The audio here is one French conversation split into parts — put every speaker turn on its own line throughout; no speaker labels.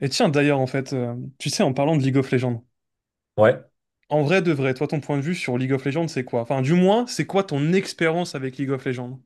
Et tiens, d'ailleurs, tu sais, en parlant de League of Legends,
Ouais.
en vrai de vrai, toi, ton point de vue sur League of Legends, c'est quoi? Enfin, du moins, c'est quoi ton expérience avec League of Legends?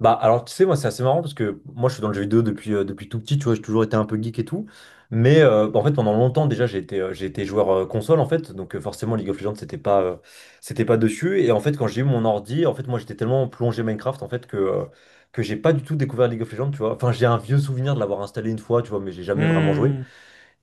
Bah alors tu sais, moi c'est assez marrant parce que moi je suis dans le jeu vidéo depuis depuis tout petit, tu vois, j'ai toujours été un peu geek et tout. Mais en fait pendant longtemps déjà j'ai été joueur console en fait, donc forcément League of Legends c'était pas dessus. Et en fait quand j'ai eu mon ordi, en fait moi j'étais tellement plongé Minecraft en fait que j'ai pas du tout découvert League of Legends, tu vois. Enfin, j'ai un vieux souvenir de l'avoir installé une fois, tu vois, mais j'ai jamais vraiment joué.
Hmm,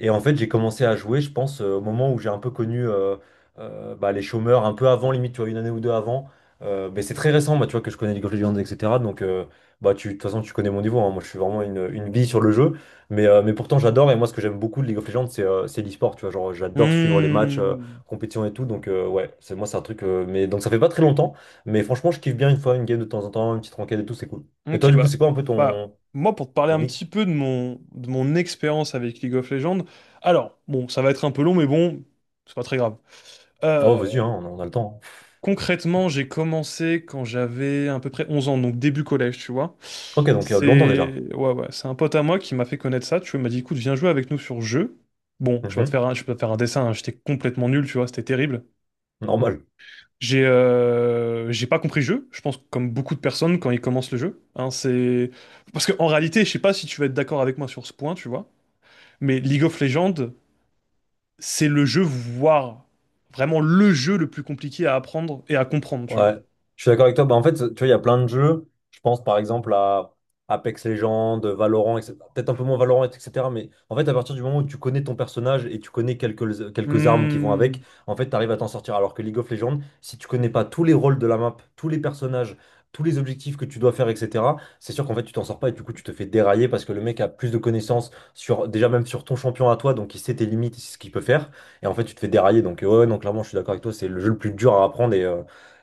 Et en fait, j'ai commencé à jouer, je pense, au moment où j'ai un peu connu les chômeurs, un peu avant, limite, tu vois, une année ou deux avant. Mais c'est très récent, moi, tu vois, que je connais League of Legends, etc. Donc, tu, de toute façon, tu connais mon niveau, hein. Moi, je suis vraiment une bille sur le jeu. Mais mais pourtant, j'adore. Et moi, ce que j'aime beaucoup de League of Legends, c'est l'e-sport. Tu vois, genre, j'adore suivre les matchs,
hmm.
compétition et tout. Donc, ouais, c'est moi, c'est un truc. Mais donc, ça fait pas très longtemps. Mais franchement, je kiffe bien une fois une game de temps en temps, une petite ranked et tout, c'est cool. Et
Ok,
toi, du coup,
bah,
c'est quoi un peu
moi, pour te parler
ton
un
X?
petit peu de mon expérience avec League of Legends, alors, bon, ça va être un peu long, mais bon, c'est pas très grave.
Oh, vas-y,
Euh,
hein, on a le temps, hein.
Concrètement, j'ai commencé quand j'avais à peu près 11 ans, donc début collège, tu vois.
Ok, donc, longtemps déjà.
C'est Ouais, ouais, c'est un pote à moi qui m'a fait connaître ça, tu vois, il m'a dit, écoute, viens jouer avec nous sur jeu. Bon,
Mhm.
je vais te faire un dessin, hein, j'étais complètement nul, tu vois, c'était terrible.
Normal.
J'ai pas compris le jeu, je pense comme beaucoup de personnes quand ils commencent le jeu, hein. C'est parce que en réalité, je sais pas si tu vas être d'accord avec moi sur ce point, tu vois, mais League of Legends, c'est le jeu, voire vraiment le jeu le plus compliqué à apprendre et à comprendre, tu vois.
Ouais, je suis d'accord avec toi. Bah, en fait, tu vois, il y a plein de jeux. Je pense par exemple à Apex Legends, Valorant, etc. Peut-être un peu moins Valorant, etc. Mais en fait, à partir du moment où tu connais ton personnage et tu connais quelques armes qui vont avec,
Hmm.
en fait, tu arrives à t'en sortir. Alors que League of Legends, si tu connais pas tous les rôles de la map, tous les personnages, tous les objectifs que tu dois faire, etc., c'est sûr qu'en fait, tu t'en sors pas, et du coup, tu te fais dérailler parce que le mec a plus de connaissances sur, déjà même sur ton champion à toi, donc il sait tes limites, il sait ce qu'il peut faire. Et en fait, tu te fais dérailler. Donc, ouais, ouais, non, clairement, je suis d'accord avec toi. C'est le jeu le plus dur à apprendre,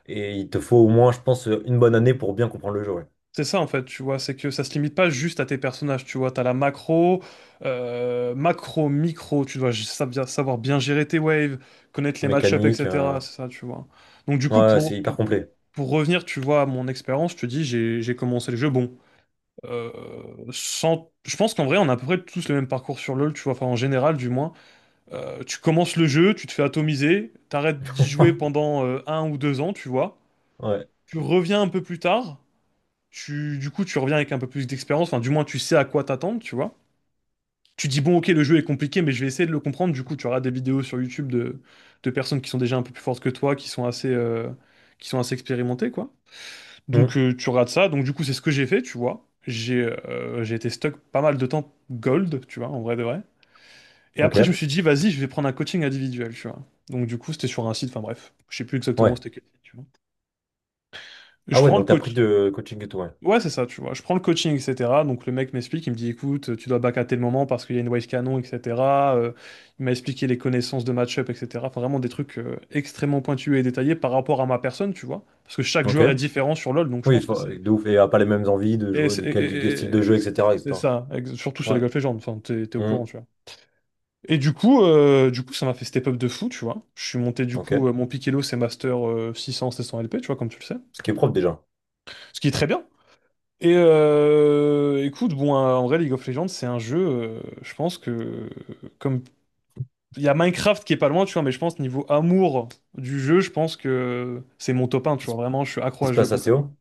et il te faut au moins, je pense, une bonne année pour bien comprendre le jeu, ouais.
C'est ça en fait, tu vois, c'est que ça se limite pas juste à tes personnages, tu vois, t'as la macro, micro, tu dois savoir bien gérer tes waves, connaître les match-ups,
Mécanique, euh.
etc. C'est ça, tu vois. Donc du coup,
Ouais, c'est hyper complet.
pour revenir, tu vois, à mon expérience, je te dis, j'ai commencé le jeu, bon, euh, sans... Je pense qu'en vrai, on a à peu près tous le même parcours sur LoL, tu vois, enfin en général du moins. Tu commences le jeu, tu te fais atomiser, t'arrêtes d'y jouer pendant un ou deux ans, tu vois.
Ouais.
Tu reviens un peu plus tard. Tu reviens avec un peu plus d'expérience, enfin, du moins, tu sais à quoi t'attendre, tu vois. Tu dis, bon, ok, le jeu est compliqué, mais je vais essayer de le comprendre. Du coup, tu auras des vidéos sur YouTube de personnes qui sont déjà un peu plus fortes que toi, qui sont assez expérimentées, quoi. Donc,
Hmm.
tu rates ça. Donc, du coup, c'est ce que j'ai fait, tu vois. J'ai été stuck pas mal de temps gold, tu vois, en vrai de vrai. Et après, je me
Ok.
suis dit, vas-y, je vais prendre un coaching individuel, tu vois. Donc, du coup, c'était sur un site, enfin, bref, je sais plus exactement
Ouais.
c'était quel site, tu vois.
Ah
Je
ouais,
prends le
donc t'as pris
coach.
de coaching et tout, ouais.
Ouais, c'est ça, tu vois. Je prends le coaching, etc. Donc le mec m'explique, il me dit, écoute, tu dois back à tel moment parce qu'il y a une wave canon, etc. Euh, il m'a expliqué les connaissances de match-up, etc. Enfin, vraiment des trucs extrêmement pointus et détaillés par rapport à ma personne, tu vois. Parce que chaque
Ok.
joueur est différent sur LoL, donc je
Oui,
pense que c'est...
de ouf. Et a pas les mêmes envies de
Et
jouer,
c'est
de
et-
quel style
et-
de
et-
jeu, etc.,
c'est
etc.
ça, surtout sur les
Ouais.
golf Legends, enfin, t'es au courant,
Hmm.
tu vois. Et du coup, ça m'a fait step up de fou, tu vois. Je suis monté, du coup,
Ok.
mon pick Elo, c'est Master 600, 700 LP, tu vois, comme tu le sais.
Ce qui est propre déjà.
Ce qui est très bien. Et écoute, bon, en vrai, League of Legends, c'est un jeu, je pense que, comme il y a Minecraft qui est pas loin, tu vois, mais je pense niveau amour du jeu, je pense que c'est mon top un, tu
Qui se
vois, vraiment, je suis accro
qui
à
se
ce jeu
passe assez
concrètement.
haut.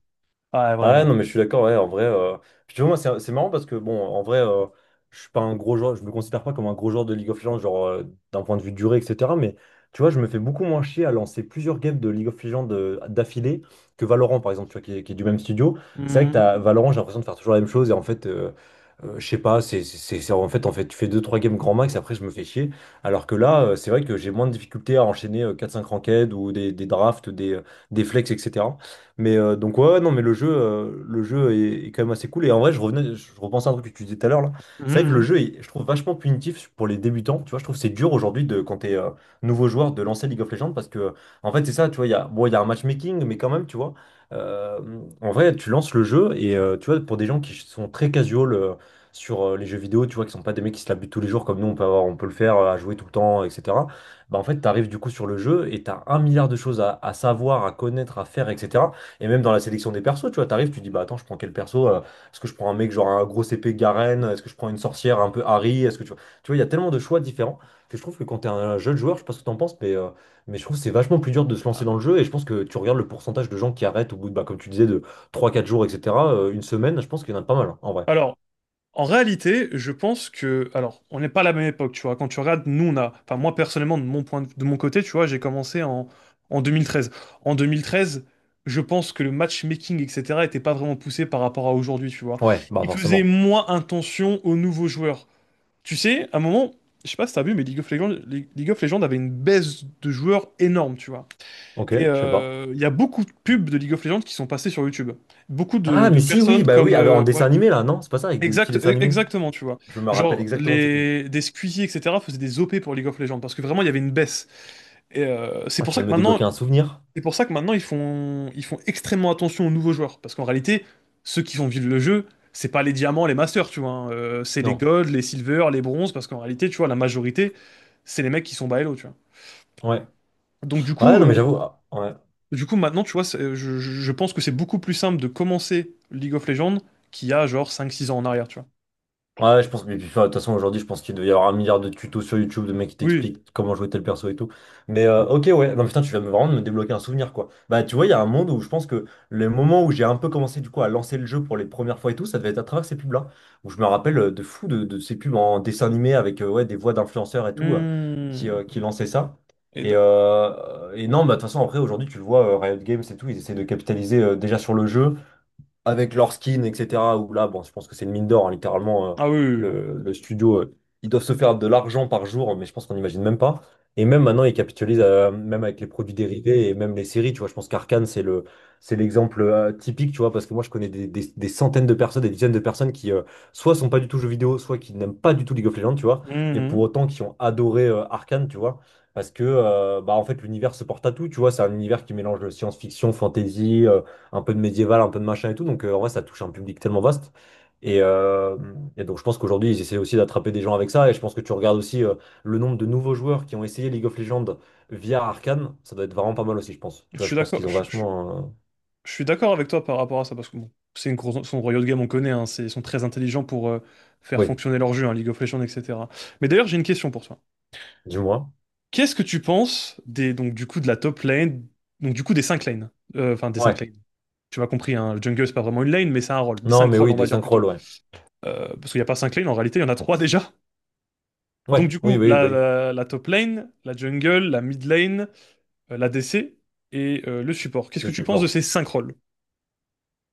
Ah,
Ah ouais,
vraiment.
non, mais je suis d'accord, ouais, en vrai, euh. Puis tu vois, moi, c'est marrant parce que, bon, en vrai, je suis pas un gros joueur, je me considère pas comme un gros joueur de League of Legends, d'un point de vue durée, etc. Mais tu vois, je me fais beaucoup moins chier à lancer plusieurs games de League of Legends d'affilée que Valorant, par exemple, tu vois, qui est du même studio. C'est vrai que t'as
Mhm.
Valorant, j'ai l'impression de faire toujours la même chose et en fait. Je sais pas, en fait, tu fais deux trois games grand max, après je me fais chier. Alors que là, c'est vrai que j'ai moins de difficultés à enchaîner 4-5 ranked ou des drafts, des flex, etc. Mais donc ouais, ouais, non mais le jeu, le jeu est, est quand même assez cool. Et en vrai je revenais, je repensais à un truc que tu disais tout à l'heure là. C'est vrai que le
Mhm.
jeu est, je trouve, vachement punitif pour les débutants, tu vois, je trouve que c'est dur aujourd'hui de quand t'es nouveau joueur de lancer League of Legends parce que en fait c'est ça, tu vois, il y a bon il y a un matchmaking mais quand même, tu vois, euh, en vrai tu lances le jeu et tu vois, pour des gens qui sont très casual sur les jeux vidéo, tu vois, qui sont pas des mecs qui se la butent tous les jours comme nous, on peut avoir, on peut le faire à jouer tout le temps, etc. Bah en fait, t'arrives du coup sur le jeu et t'as un milliard de choses à savoir, à connaître, à faire, etc. Et même dans la sélection des persos, tu vois, t'arrives, tu dis, bah attends, je prends quel perso, euh? Est-ce que je prends un mec genre un gros épée Garen? Est-ce que je prends une sorcière un peu Harry? Est-ce que tu vois, il y a tellement de choix différents que je trouve que quand t'es un jeune joueur, je sais pas ce que t'en penses, mais je trouve que c'est vachement plus dur de se lancer dans le jeu. Et je pense que tu regardes le pourcentage de gens qui arrêtent au bout de, bah, comme tu disais, de trois quatre jours, etc., une semaine, je pense qu'il y en a pas mal, hein, en vrai.
Alors, en réalité, je pense que, alors, on n'est pas à la même époque, tu vois. Quand tu regardes, nous, on a, enfin, moi, personnellement, de mon côté, tu vois, en 2013. En 2013, je pense que le matchmaking, etc., était pas vraiment poussé par rapport à aujourd'hui, tu vois.
Ouais, bah
Il faisait
forcément.
moins attention aux nouveaux joueurs. Tu sais, à un moment, je sais pas si t'as vu, mais League of Legends avait une baisse de joueurs énorme, tu vois.
Ok,
Et
je sais pas.
il y a beaucoup de pubs de League of Legends qui sont passées sur YouTube. Beaucoup
Ah,
de
mais si, oui,
personnes
bah
comme,
oui, avec- en dessin
ouais,
animé là, non? C'est pas ça, avec des petits
exact,
dessins animés.
exactement, tu vois.
Je me rappelle
Genre,
exactement de ces pubs.
des Squeezie, etc., faisaient des OP pour League of Legends, parce que vraiment, il y avait une baisse. Et
Ah, tu viens de me débloquer un souvenir?
c'est pour ça que maintenant, ils font extrêmement attention aux nouveaux joueurs. Parce qu'en réalité, ceux qui font vivre le jeu, c'est pas les diamants, les masters, tu vois, hein. C'est les
Non.
golds, les silver, les bronzes, parce qu'en réalité, tu vois, la majorité, c'est les mecs qui sont bas elo, tu vois.
Ouais.
Donc,
Ouais, non, mais j'avoue, ah, ouais.
du coup maintenant, tu vois, je pense que c'est beaucoup plus simple de commencer League of Legends qu'il y a, genre, 5 6 ans en arrière, tu vois.
Ouais, je pense que, mais puis, enfin, de toute façon, aujourd'hui, je pense qu'il doit y avoir un milliard de tutos sur YouTube de mecs qui
Oui.
t'expliquent comment jouer tel perso et tout. Ok, ouais. Non, putain, vraiment, de me débloquer un souvenir, quoi. Bah, tu vois, il y a un monde où je pense que le moment où j'ai un peu commencé, du coup, à lancer le jeu pour les premières fois et tout, ça devait être à travers ces pubs-là. Où je me rappelle de fou de ces pubs en dessin animé avec, ouais, des voix d'influenceurs et tout,
Hmm.
qui lançaient ça.
Et
Et et non, bah, de toute façon, après, aujourd'hui, tu le vois, Riot Games et tout, ils essaient de capitaliser, déjà sur le jeu, avec leur skin, etc. Où là, bon, je pense que c'est une mine d'or, hein, littéralement. Euh,
ah oui, oui,
le studio, ils doivent se faire de l'argent par jour, mais je pense qu'on n'imagine même pas. Et même maintenant, ils capitalisent, même avec les produits dérivés et même les séries, tu vois. Je pense qu'Arcane, c'est l'exemple typique, tu vois, parce que moi, je connais des, des centaines de personnes, des dizaines de personnes qui, soit sont pas du tout jeux vidéo, soit qui n'aiment pas du tout League of Legends, tu vois,
oui.
et pour
Mhm.
autant qui ont adoré Arcane, tu vois. Parce que, bah, en fait, l'univers se porte à tout, tu vois. C'est un univers qui mélange science-fiction, fantasy, un peu de médiéval, un peu de machin et tout. Donc en vrai, ça touche un public tellement vaste. Et et donc je pense qu'aujourd'hui, ils essaient aussi d'attraper des gens avec ça. Et je pense que tu regardes aussi le nombre de nouveaux joueurs qui ont essayé League of Legends via Arcane. Ça doit être vraiment pas mal aussi, je pense. Tu
Je
vois,
suis
je pense
d'accord,
qu'ils ont vachement... euh.
je suis d'accord avec toi par rapport à ça, parce que bon, c'est une grosse, son Riot Games, on connaît, hein, c'est, ils sont très intelligents pour faire
Oui,
fonctionner leur jeu, hein, League of Legends, etc. Mais d'ailleurs, j'ai une question pour toi.
dis-moi.
Qu'est-ce que tu penses des, donc, du coup, de la top lane, donc du coup des 5 lanes, euh, enfin des 5
Ouais.
lanes, tu m'as compris, hein, le jungle, c'est pas vraiment une lane, mais c'est un rôle, des
Non,
5
mais
rôles,
oui,
on
des
va dire
synchroles,
plutôt.
ouais.
Parce qu'il n'y a pas 5 lanes, en réalité, il y en a 3 déjà. Donc
Ouais,
du
oui,
coup,
oui, bah oui,
la top lane, la jungle, la mid lane, la DC et le support. Qu'est-ce
le
que tu penses de
support.
ces 5 rôles?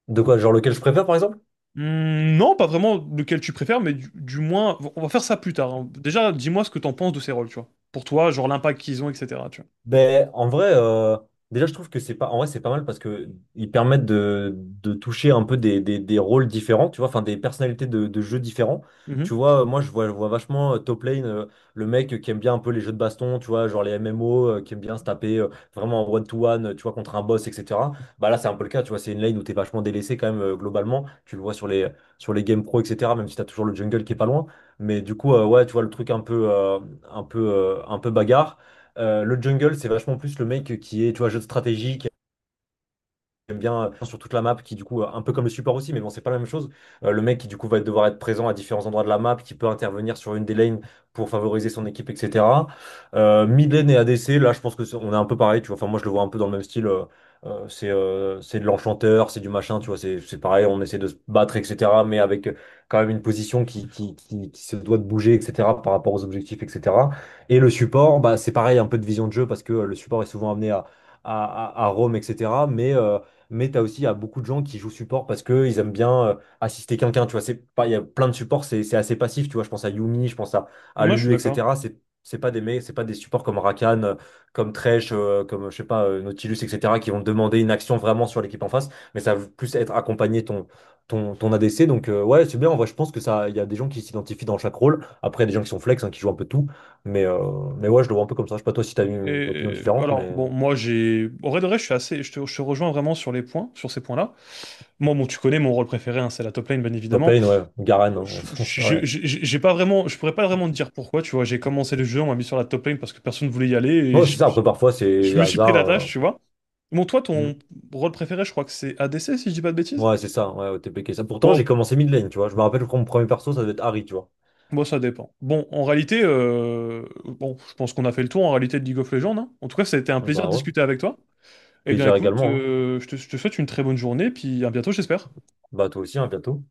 De quoi, genre lequel je préfère, par exemple?
Hmm, non, pas vraiment lequel tu préfères, mais du moins, on va faire ça plus tard, hein. Déjà, dis-moi ce que t'en penses de ces rôles, tu vois. Pour toi, genre l'impact qu'ils ont, etc. Tu
Ben, en vrai, déjà, je trouve que c'est pas, en vrai, c'est pas mal parce que ils permettent de toucher un peu des, des rôles différents, tu vois, enfin, des personnalités de jeux différents.
vois. Mhm.
Tu vois, moi, je vois vachement Top Lane, le mec qui aime bien un peu les jeux de baston, tu vois, genre les MMO, qui aime bien se taper vraiment en one-to-one, tu vois, contre un boss, etc. Bah là, c'est un peu le cas, tu vois, c'est une lane où t'es vachement délaissé quand même, globalement. Tu le vois sur sur les games pro, etc., même si t'as toujours le jungle qui est pas loin. Mais du coup, ouais, tu vois, le truc un peu, un peu, un peu bagarre. Le jungle, c'est vachement plus le mec qui est, tu vois, jeu de stratégie. J'aime bien sur toute la map, qui du coup un peu comme le support aussi mais bon c'est pas la même chose. Le mec qui du coup va devoir être présent à différents endroits de la map, qui peut intervenir sur une des lanes pour favoriser son équipe, etc. Euh, mid lane et ADC, là je pense que on est un peu pareil, tu vois, enfin moi je le vois un peu dans le même style, euh. C'est de l'enchanteur, c'est du machin, tu vois, c'est pareil, on essaie de se battre, etc., mais avec quand même une position qui se doit de bouger, etc., par rapport aux objectifs, etc. Et le support, bah c'est pareil, un peu de vision de jeu parce que le support est souvent amené à, à roam, etc. Mais tu as aussi il y a beaucoup de gens qui jouent support parce qu'ils aiment bien assister quelqu'un. Tu vois, c'est pas, il y a plein de supports, c'est assez passif. Tu vois, je pense à Yumi, à
Moi, je suis
Lulu,
d'accord.
etc. C'est pas des mecs, c'est pas des supports comme Rakan, comme Thresh, comme je sais pas, Nautilus, etc., qui vont te demander une action vraiment sur l'équipe en face. Mais ça va plus être accompagné ton ADC. Donc ouais, c'est bien. En vrai, je pense que ça, il y a des gens qui s'identifient dans chaque rôle. Après, il y a des gens qui sont flex, hein, qui jouent un peu tout. Mais mais ouais, je le vois un peu comme ça. Je sais pas toi si t'as une opinion
Et
différente,
alors,
mais
bon, moi, j'ai. Au vrai de vrai, je suis assez. Je te rejoins vraiment sur les points, sur ces points-là. Moi, bon, tu connais mon rôle préféré, hein, c'est la top lane, bien
top
évidemment.
lane, ouais, Garen, hein. Ouais.
J'ai pas vraiment. Je pourrais pas vraiment te dire pourquoi, tu vois. J'ai commencé le jeu, on m'a mis sur la top lane parce que personne voulait y aller,
Ouais, c'est ça. Après, parfois,
je
c'est
me suis pris
hasard,
la tâche,
euh.
tu vois. Bon, toi, ton
Hmm.
rôle préféré, je crois que c'est ADC, si je dis pas de bêtises?
Ouais, c'est ça. Ouais, TPK. Ça. Pourtant,
Bon,
j'ai commencé mid lane, tu vois. Je me rappelle quand mon premier perso, ça devait être Harry, tu vois.
bon, ça dépend. Bon, en réalité, bon, je pense qu'on a fait le tour en réalité de League of Legends, hein. En tout cas, ça a été un
Ah
plaisir
bah
de
ouais.
discuter avec toi. Eh bien,
Plaisir
écoute,
également, hein.
je te souhaite une très bonne journée, puis à bientôt, j'espère.
Bah toi aussi, hein, bientôt.